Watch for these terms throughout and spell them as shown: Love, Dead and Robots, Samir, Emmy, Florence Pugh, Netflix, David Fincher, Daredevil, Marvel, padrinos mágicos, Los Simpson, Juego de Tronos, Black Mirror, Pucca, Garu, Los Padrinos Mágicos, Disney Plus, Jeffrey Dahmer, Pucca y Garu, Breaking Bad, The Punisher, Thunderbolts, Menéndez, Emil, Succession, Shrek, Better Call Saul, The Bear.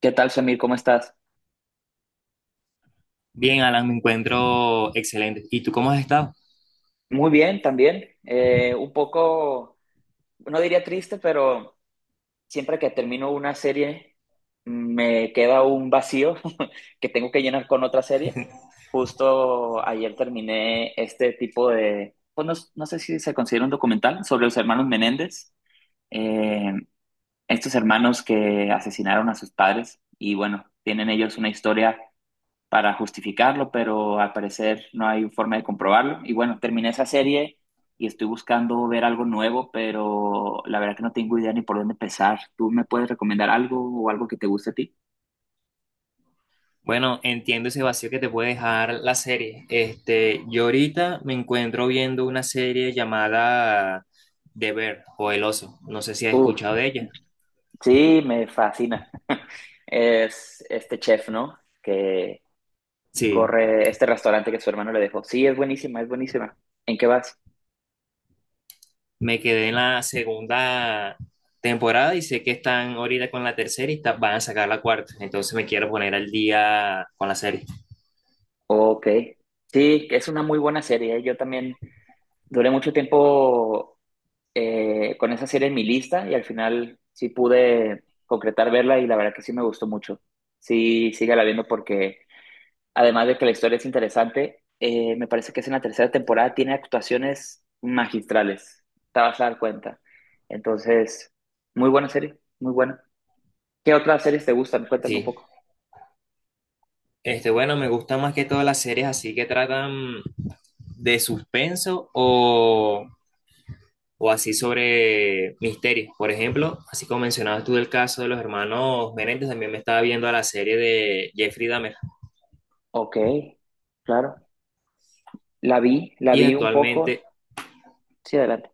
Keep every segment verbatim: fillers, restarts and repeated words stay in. ¿Qué tal, Samir? ¿Cómo estás? Bien, Alan, me encuentro excelente. ¿Y tú cómo has estado? Muy bien, también. Eh, un poco, no diría triste, pero siempre que termino una serie me queda un vacío que tengo que llenar con otra serie. Justo ayer terminé este tipo de, pues no, no sé si se considera un documental sobre los hermanos Menéndez, eh, estos hermanos que asesinaron a sus padres y bueno, tienen ellos una historia para justificarlo, pero al parecer no hay forma de comprobarlo. Y bueno, terminé esa serie y estoy buscando ver algo nuevo, pero la verdad que no tengo idea ni por dónde empezar. ¿Tú me puedes recomendar algo o algo que te guste a ti? Bueno, entiendo ese vacío que te puede dejar la serie. Este, yo ahorita me encuentro viendo una serie llamada The Bear o El Oso. No sé si has Uf, escuchado de ella. sí, me fascina. Es este chef, ¿no? Que Sí, corre este restaurante que su hermano le dejó. Sí, es buenísima, es buenísima. ¿En qué vas? me quedé en la segunda temporada y sé que están ahorita con la tercera y ta- van a sacar la cuarta. Entonces me quiero poner al día con la serie. Ok. Sí, es una muy buena serie. Yo también duré mucho tiempo eh, con esa serie en mi lista y al final sí pude concretar verla y la verdad que sí me gustó mucho. Sí, sígala viendo porque además de que la historia es interesante, eh, me parece que es en la tercera temporada, tiene actuaciones magistrales, te vas a dar cuenta. Entonces, muy buena serie, muy buena. ¿Qué otras series te gustan? Cuéntame un Sí. poco. Este, bueno, me gustan más que todas las series así que tratan de suspenso o o así sobre misterios. Por ejemplo, así como mencionabas tú del caso de los hermanos Menéndez, también me estaba viendo a la serie de Jeffrey Dahmer Ok, claro. La vi, la y vi un actualmente, poco. Sí, adelante.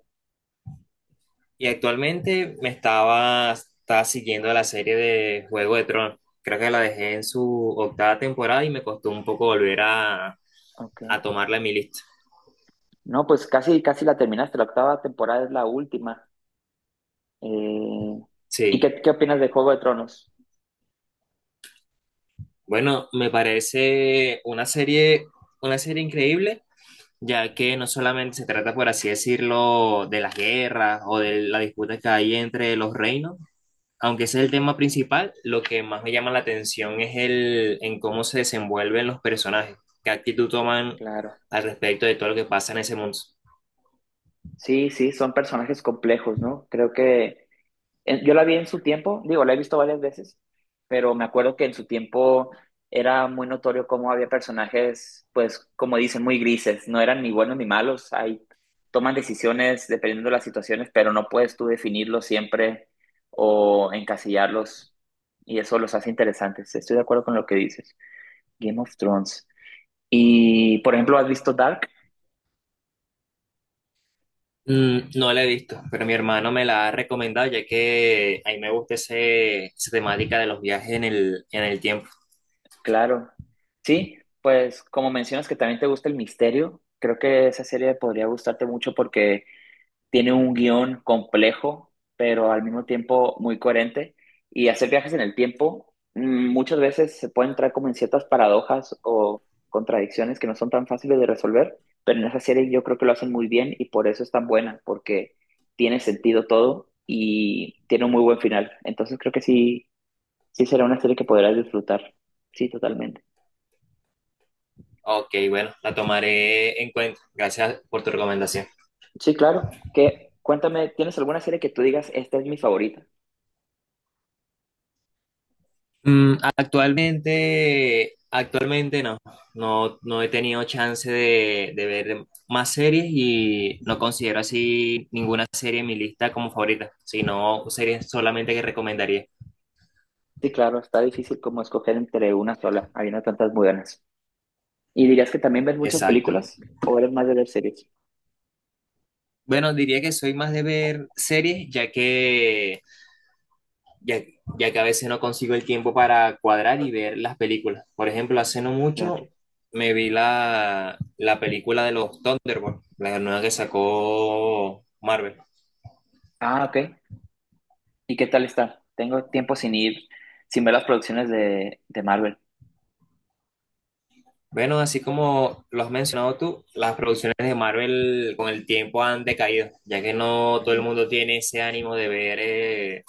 y actualmente me estaba, estaba siguiendo la serie de Juego de Tronos. Creo que la dejé en su octava temporada y me costó un poco volver a, Ok. a tomarla en mi lista. No, pues casi, casi la terminaste. La octava temporada es la última. Eh, ¿Y Sí, qué, qué opinas de Juego de Tronos? bueno, me parece una serie, una serie increíble, ya que no solamente se trata, por así decirlo, de las guerras o de la disputa que hay entre los reinos. Aunque ese es el tema principal, lo que más me llama la atención es el en cómo se desenvuelven los personajes, qué actitud toman Claro. al respecto de todo lo que pasa en ese mundo. Sí, sí, son personajes complejos, ¿no? Creo que en- yo la vi en su tiempo, digo, la he visto varias veces, pero me acuerdo que en su tiempo era muy notorio cómo había personajes, pues, como dicen, muy grises, no eran ni buenos ni malos, ahí toman decisiones dependiendo de las situaciones, pero no puedes tú definirlos siempre o encasillarlos, y eso los hace interesantes. Estoy de acuerdo con lo que dices. Game of Thrones. Y, por ejemplo, ¿has visto Dark? Mm, no la he visto, pero mi hermano me la ha recomendado, ya que a mí me gusta ese, esa temática de los viajes en el, en el tiempo. Claro. Sí, pues como mencionas que también te gusta el misterio, creo que esa serie podría gustarte mucho porque tiene un guión complejo, pero al mismo tiempo muy coherente. Y hacer viajes en el tiempo mm, muchas veces se puede entrar como en ciertas paradojas o contradicciones que no son tan fáciles de resolver, pero en esa serie yo creo que lo hacen muy bien y por eso es tan buena, porque tiene sentido todo y tiene un muy buen final. Entonces creo que sí. Sí, será una serie que podrás disfrutar. Sí, totalmente. Ok, bueno, la tomaré en cuenta. Gracias por tu recomendación. Sí, claro. Que, cuéntame, ¿tienes alguna serie que tú digas, esta es mi favorita? Mm, actualmente, actualmente no, no, no he tenido chance de, de ver más series y no considero así ninguna serie en mi lista como favorita, sino series solamente que recomendaría. Sí, claro, está difícil como escoger entre una sola. Habiendo tantas muy buenas. ¿Y dirías que también ves muchas Exacto. películas o eres más de ver series? Bueno, diría que soy más de ver series, ya que, ya, ya que a veces no consigo el tiempo para cuadrar y ver las películas. Por ejemplo, hace no Claro. mucho me vi la, la película de los Thunderbolts, la nueva que sacó Marvel. Ah, ok. ¿Y qué tal está? Tengo tiempo sin ir, sin ver las producciones de, de Marvel. Bueno, así como lo has mencionado tú, las producciones de Marvel con el tiempo han decaído, ya que no todo el Mm. mundo tiene ese ánimo de ver eh,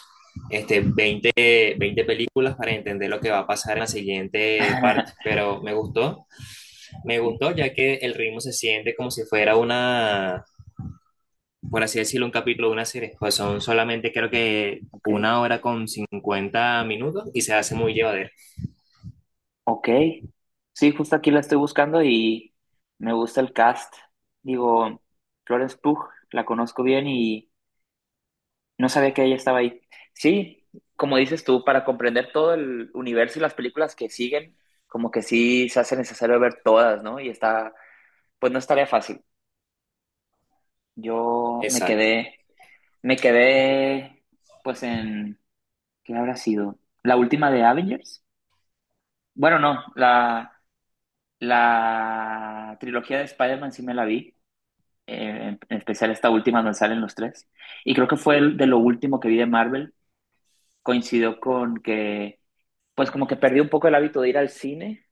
este, veinte veinte películas para entender lo que va a pasar en la siguiente parte. Pero me gustó, me Ok, gustó, ya que el ritmo se siente como si fuera una, por así decirlo, un capítulo de una serie. Pues son solamente creo que ok. una hora con cincuenta minutos y se hace muy llevadero. Ok, sí, justo aquí la estoy buscando y me gusta el cast. Digo, Florence Pugh, la conozco bien y no sabía que ella estaba ahí. Sí, como dices tú, para comprender todo el universo y las películas que siguen, como que sí se hace necesario ver todas, ¿no? Y está, pues no es tarea fácil. Yo me Exacto. quedé, me quedé, pues en, ¿qué habrá sido? ¿La última de Avengers? Bueno, no, la, la trilogía de Spider-Man sí me la vi. Eh, en especial esta última donde salen los tres. Y creo que fue el de lo último que vi de Marvel. Coincidió con que, pues como que perdí un poco el hábito de ir al cine,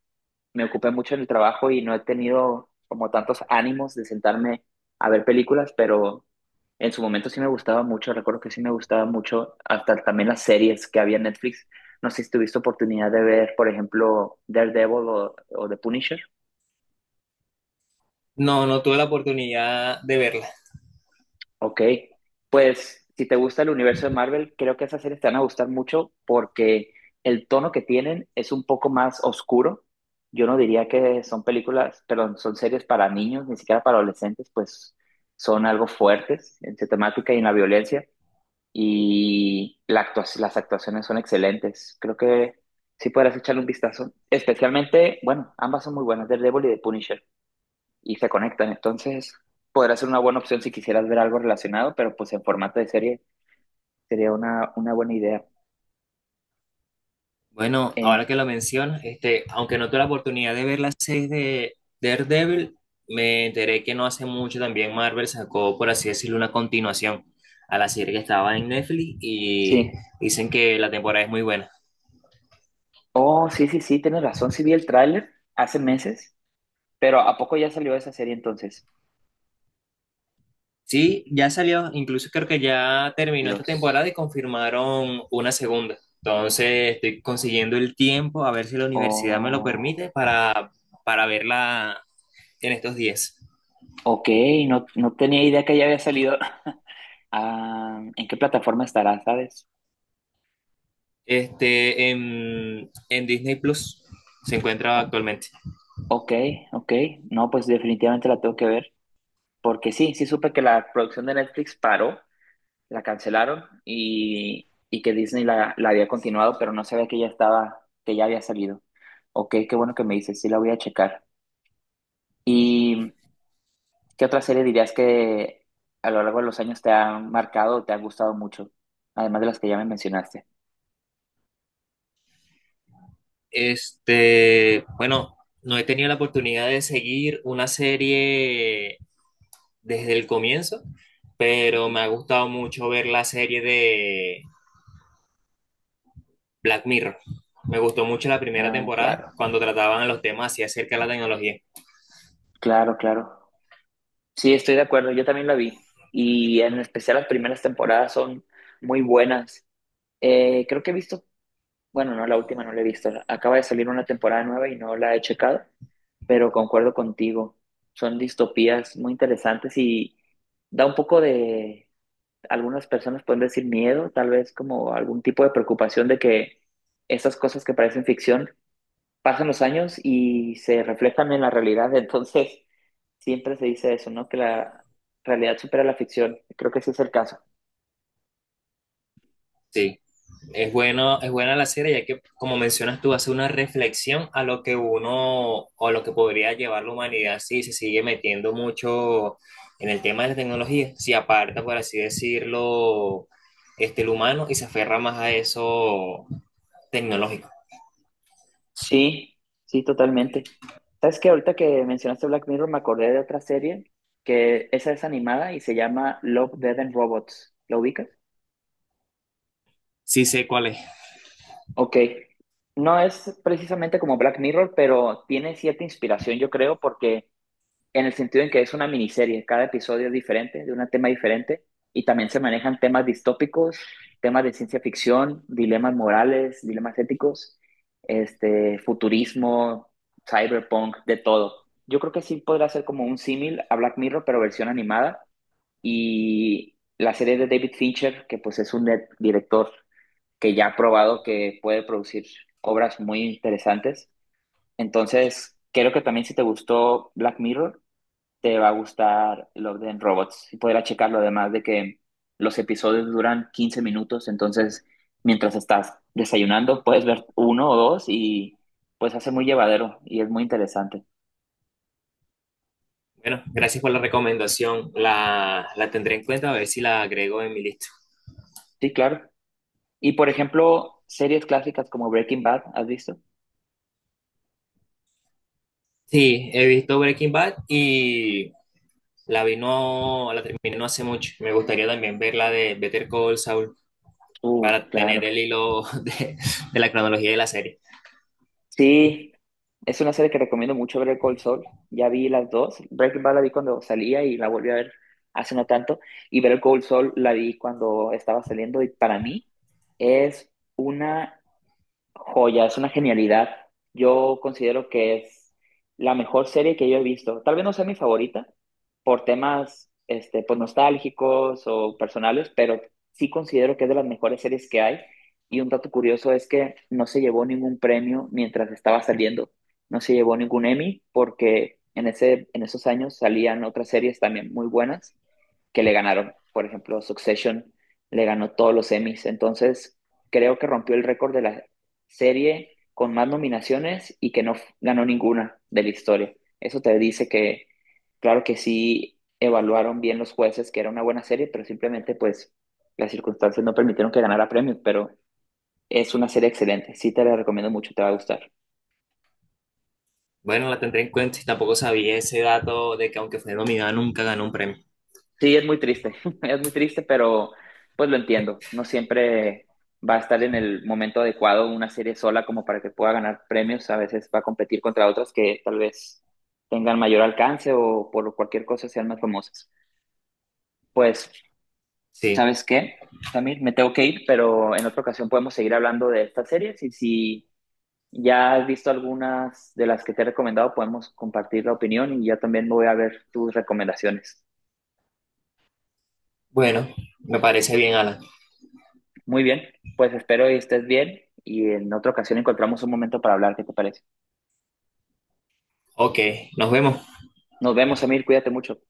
me ocupé mucho en el trabajo y no he tenido como tantos ánimos de sentarme a ver películas, pero en su momento sí me gustaba mucho, recuerdo que sí me gustaba mucho, hasta también las series que había en Netflix. No sé si tuviste oportunidad de ver, por ejemplo, Daredevil o, o The Punisher. No, no tuve la oportunidad de verla. Ok, pues si te gusta el universo de Marvel, creo que esas series te van a gustar mucho porque el tono que tienen es un poco más oscuro. Yo no diría que son películas, perdón, son series para niños, ni siquiera para adolescentes, pues son algo fuertes en su temática y en la violencia. Y la actua- las actuaciones son excelentes. Creo que sí podrás echarle un vistazo. Especialmente, bueno, ambas son muy buenas, Daredevil y The Punisher y se conectan. Entonces, podrá ser una buena opción si quisieras ver algo relacionado, pero pues en formato de serie sería una, una buena idea. Bueno, ahora Eh, que lo mencionas, este, aunque no tuve la oportunidad de ver las seis de Daredevil, me enteré que no hace mucho también Marvel sacó, por así decirlo, una continuación a la serie que estaba en Netflix y sí. dicen que la temporada es muy buena. Oh, sí, sí, sí, tienes razón. Sí vi el tráiler hace meses, pero ¿a poco ya salió esa serie entonces? Sí, ya salió, incluso creo que ya terminó esta Dios. temporada y confirmaron una segunda. Entonces estoy consiguiendo el tiempo a ver si la universidad me lo Oh, permite para, para verla en estos días. ok, no, no tenía idea que ya había salido. Ah, ¿en qué plataforma estará, sabes? Este, en, en Disney Plus se encuentra O- actualmente. ok, ok. No, pues definitivamente la tengo que ver, porque sí, sí supe que la producción de Netflix paró, la cancelaron y, y que Disney la, la había continuado, pero no sabía que ya estaba, que ya había salido. Ok, qué bueno que me dices, sí la voy a checar. ¿Y qué otra serie dirías que a lo largo de los años te ha marcado o te ha gustado mucho? Además de las que ya me mencionaste. Este, bueno, no he tenido la oportunidad de seguir una serie desde el comienzo, pero Ujú. me ha gustado mucho ver la serie de Black Mirror. Me gustó mucho la primera Ah, temporada claro, cuando trataban los temas así acerca de la tecnología. claro, claro. Sí, estoy de acuerdo, yo también la vi. Y en especial las primeras temporadas son muy buenas. Eh, creo que he visto. Bueno, no, la última no la he visto. Acaba de salir una temporada nueva y no la he checado, pero concuerdo contigo. Son distopías muy interesantes y da un poco de, algunas personas pueden decir miedo, tal vez como algún tipo de preocupación de que esas cosas que parecen ficción pasan los años y se reflejan en la realidad. Entonces, siempre se dice eso, ¿no? Que la realidad supera la ficción. Creo que ese es el caso. Sí, Es bueno, es buena la serie, ya que, como mencionas tú, hace una reflexión a lo que uno o lo que podría llevar la humanidad si se sigue metiendo mucho en el tema de la tecnología, si aparta, por así decirlo, este, el humano y se aferra más a eso tecnológico. Sí, sí, totalmente. ¿Sabes qué? Ahorita que mencionaste Black Mirror, me acordé de otra serie que esa es animada y se llama Love, Dead and Robots. ¿Lo ubicas? Sí sé cuál es. Ok. No es precisamente como Black Mirror, pero tiene cierta inspiración, yo creo, porque en el sentido en que es una miniserie, cada episodio es diferente, de un tema diferente, y también se manejan temas distópicos, temas de ciencia ficción, dilemas morales, dilemas éticos, este, futurismo, cyberpunk, de todo. Yo creo que sí podrá ser como un símil a Black Mirror, pero versión animada, y la serie de David Fincher, que pues es un net- director que ya ha probado que puede producir obras muy interesantes. Entonces, creo que también si te gustó Black Mirror, te va a gustar Love Dead and Robots. Y podrás checarlo además de que los episodios duran quince minutos, entonces mientras estás desayunando puedes ver uno o dos y pues hace muy llevadero y es muy interesante. Bueno, gracias por la recomendación. La, la tendré en cuenta a ver si la agrego en mi lista. Sí, claro. Y por ejemplo, series clásicas como Breaking Bad, ¿has visto? Sí, he visto Breaking Bad y La vi no, la terminé no hace mucho. Me gustaría también ver la de Better Call Saul Uh, para claro. tener el hilo de, de la cronología de la serie. Sí, es una serie que recomiendo mucho ver Cold Saul. Ya vi las dos. Breaking Bad la vi cuando salía y la volví a ver hace no tanto. Y Better Cold Saul la vi cuando estaba saliendo y para mí es una Joya, es una genialidad. Yo considero que es la mejor serie que yo he visto. Tal vez no sea mi favorita por temas este, pues, nostálgicos o personales, pero sí considero que es de las mejores series que hay. Y un dato curioso es que no se llevó ningún premio mientras estaba saliendo. No se llevó ningún Emmy porque en ese, en esos años salían otras series también muy buenas que le ganaron. Por ejemplo, Succession le ganó todos los Emmys. Entonces, creo que rompió el récord de la, serie con más nominaciones y que no f- ganó ninguna de la historia. Eso te dice que, claro que sí evaluaron bien los jueces que era una buena serie, pero simplemente pues las circunstancias no permitieron que ganara premios, pero es una serie excelente. Sí te la recomiendo mucho, te va a gustar. Bueno, la tendré en cuenta y tampoco sabía ese dato de que aunque fue nominada nunca ganó un premio. Sí, es muy triste, es muy triste, pero pues lo entiendo. No siempre va a estar en el momento adecuado una serie sola como para que pueda ganar premios. A veces va a competir contra otras que tal vez tengan mayor alcance o por cualquier cosa sean más famosas. Pues, Sí, ¿sabes qué? Samir, me tengo que ir, pero en otra ocasión podemos seguir hablando de estas series y si ya has visto algunas de las que te he recomendado, podemos compartir la opinión y ya también me voy a ver tus recomendaciones. bueno, me parece bien, Alan. Muy bien, pues espero y estés bien y en otra ocasión encontramos un momento para hablar, ¿qué te parece? Ok, nos vemos. Nos vemos, Emil, cuídate mucho.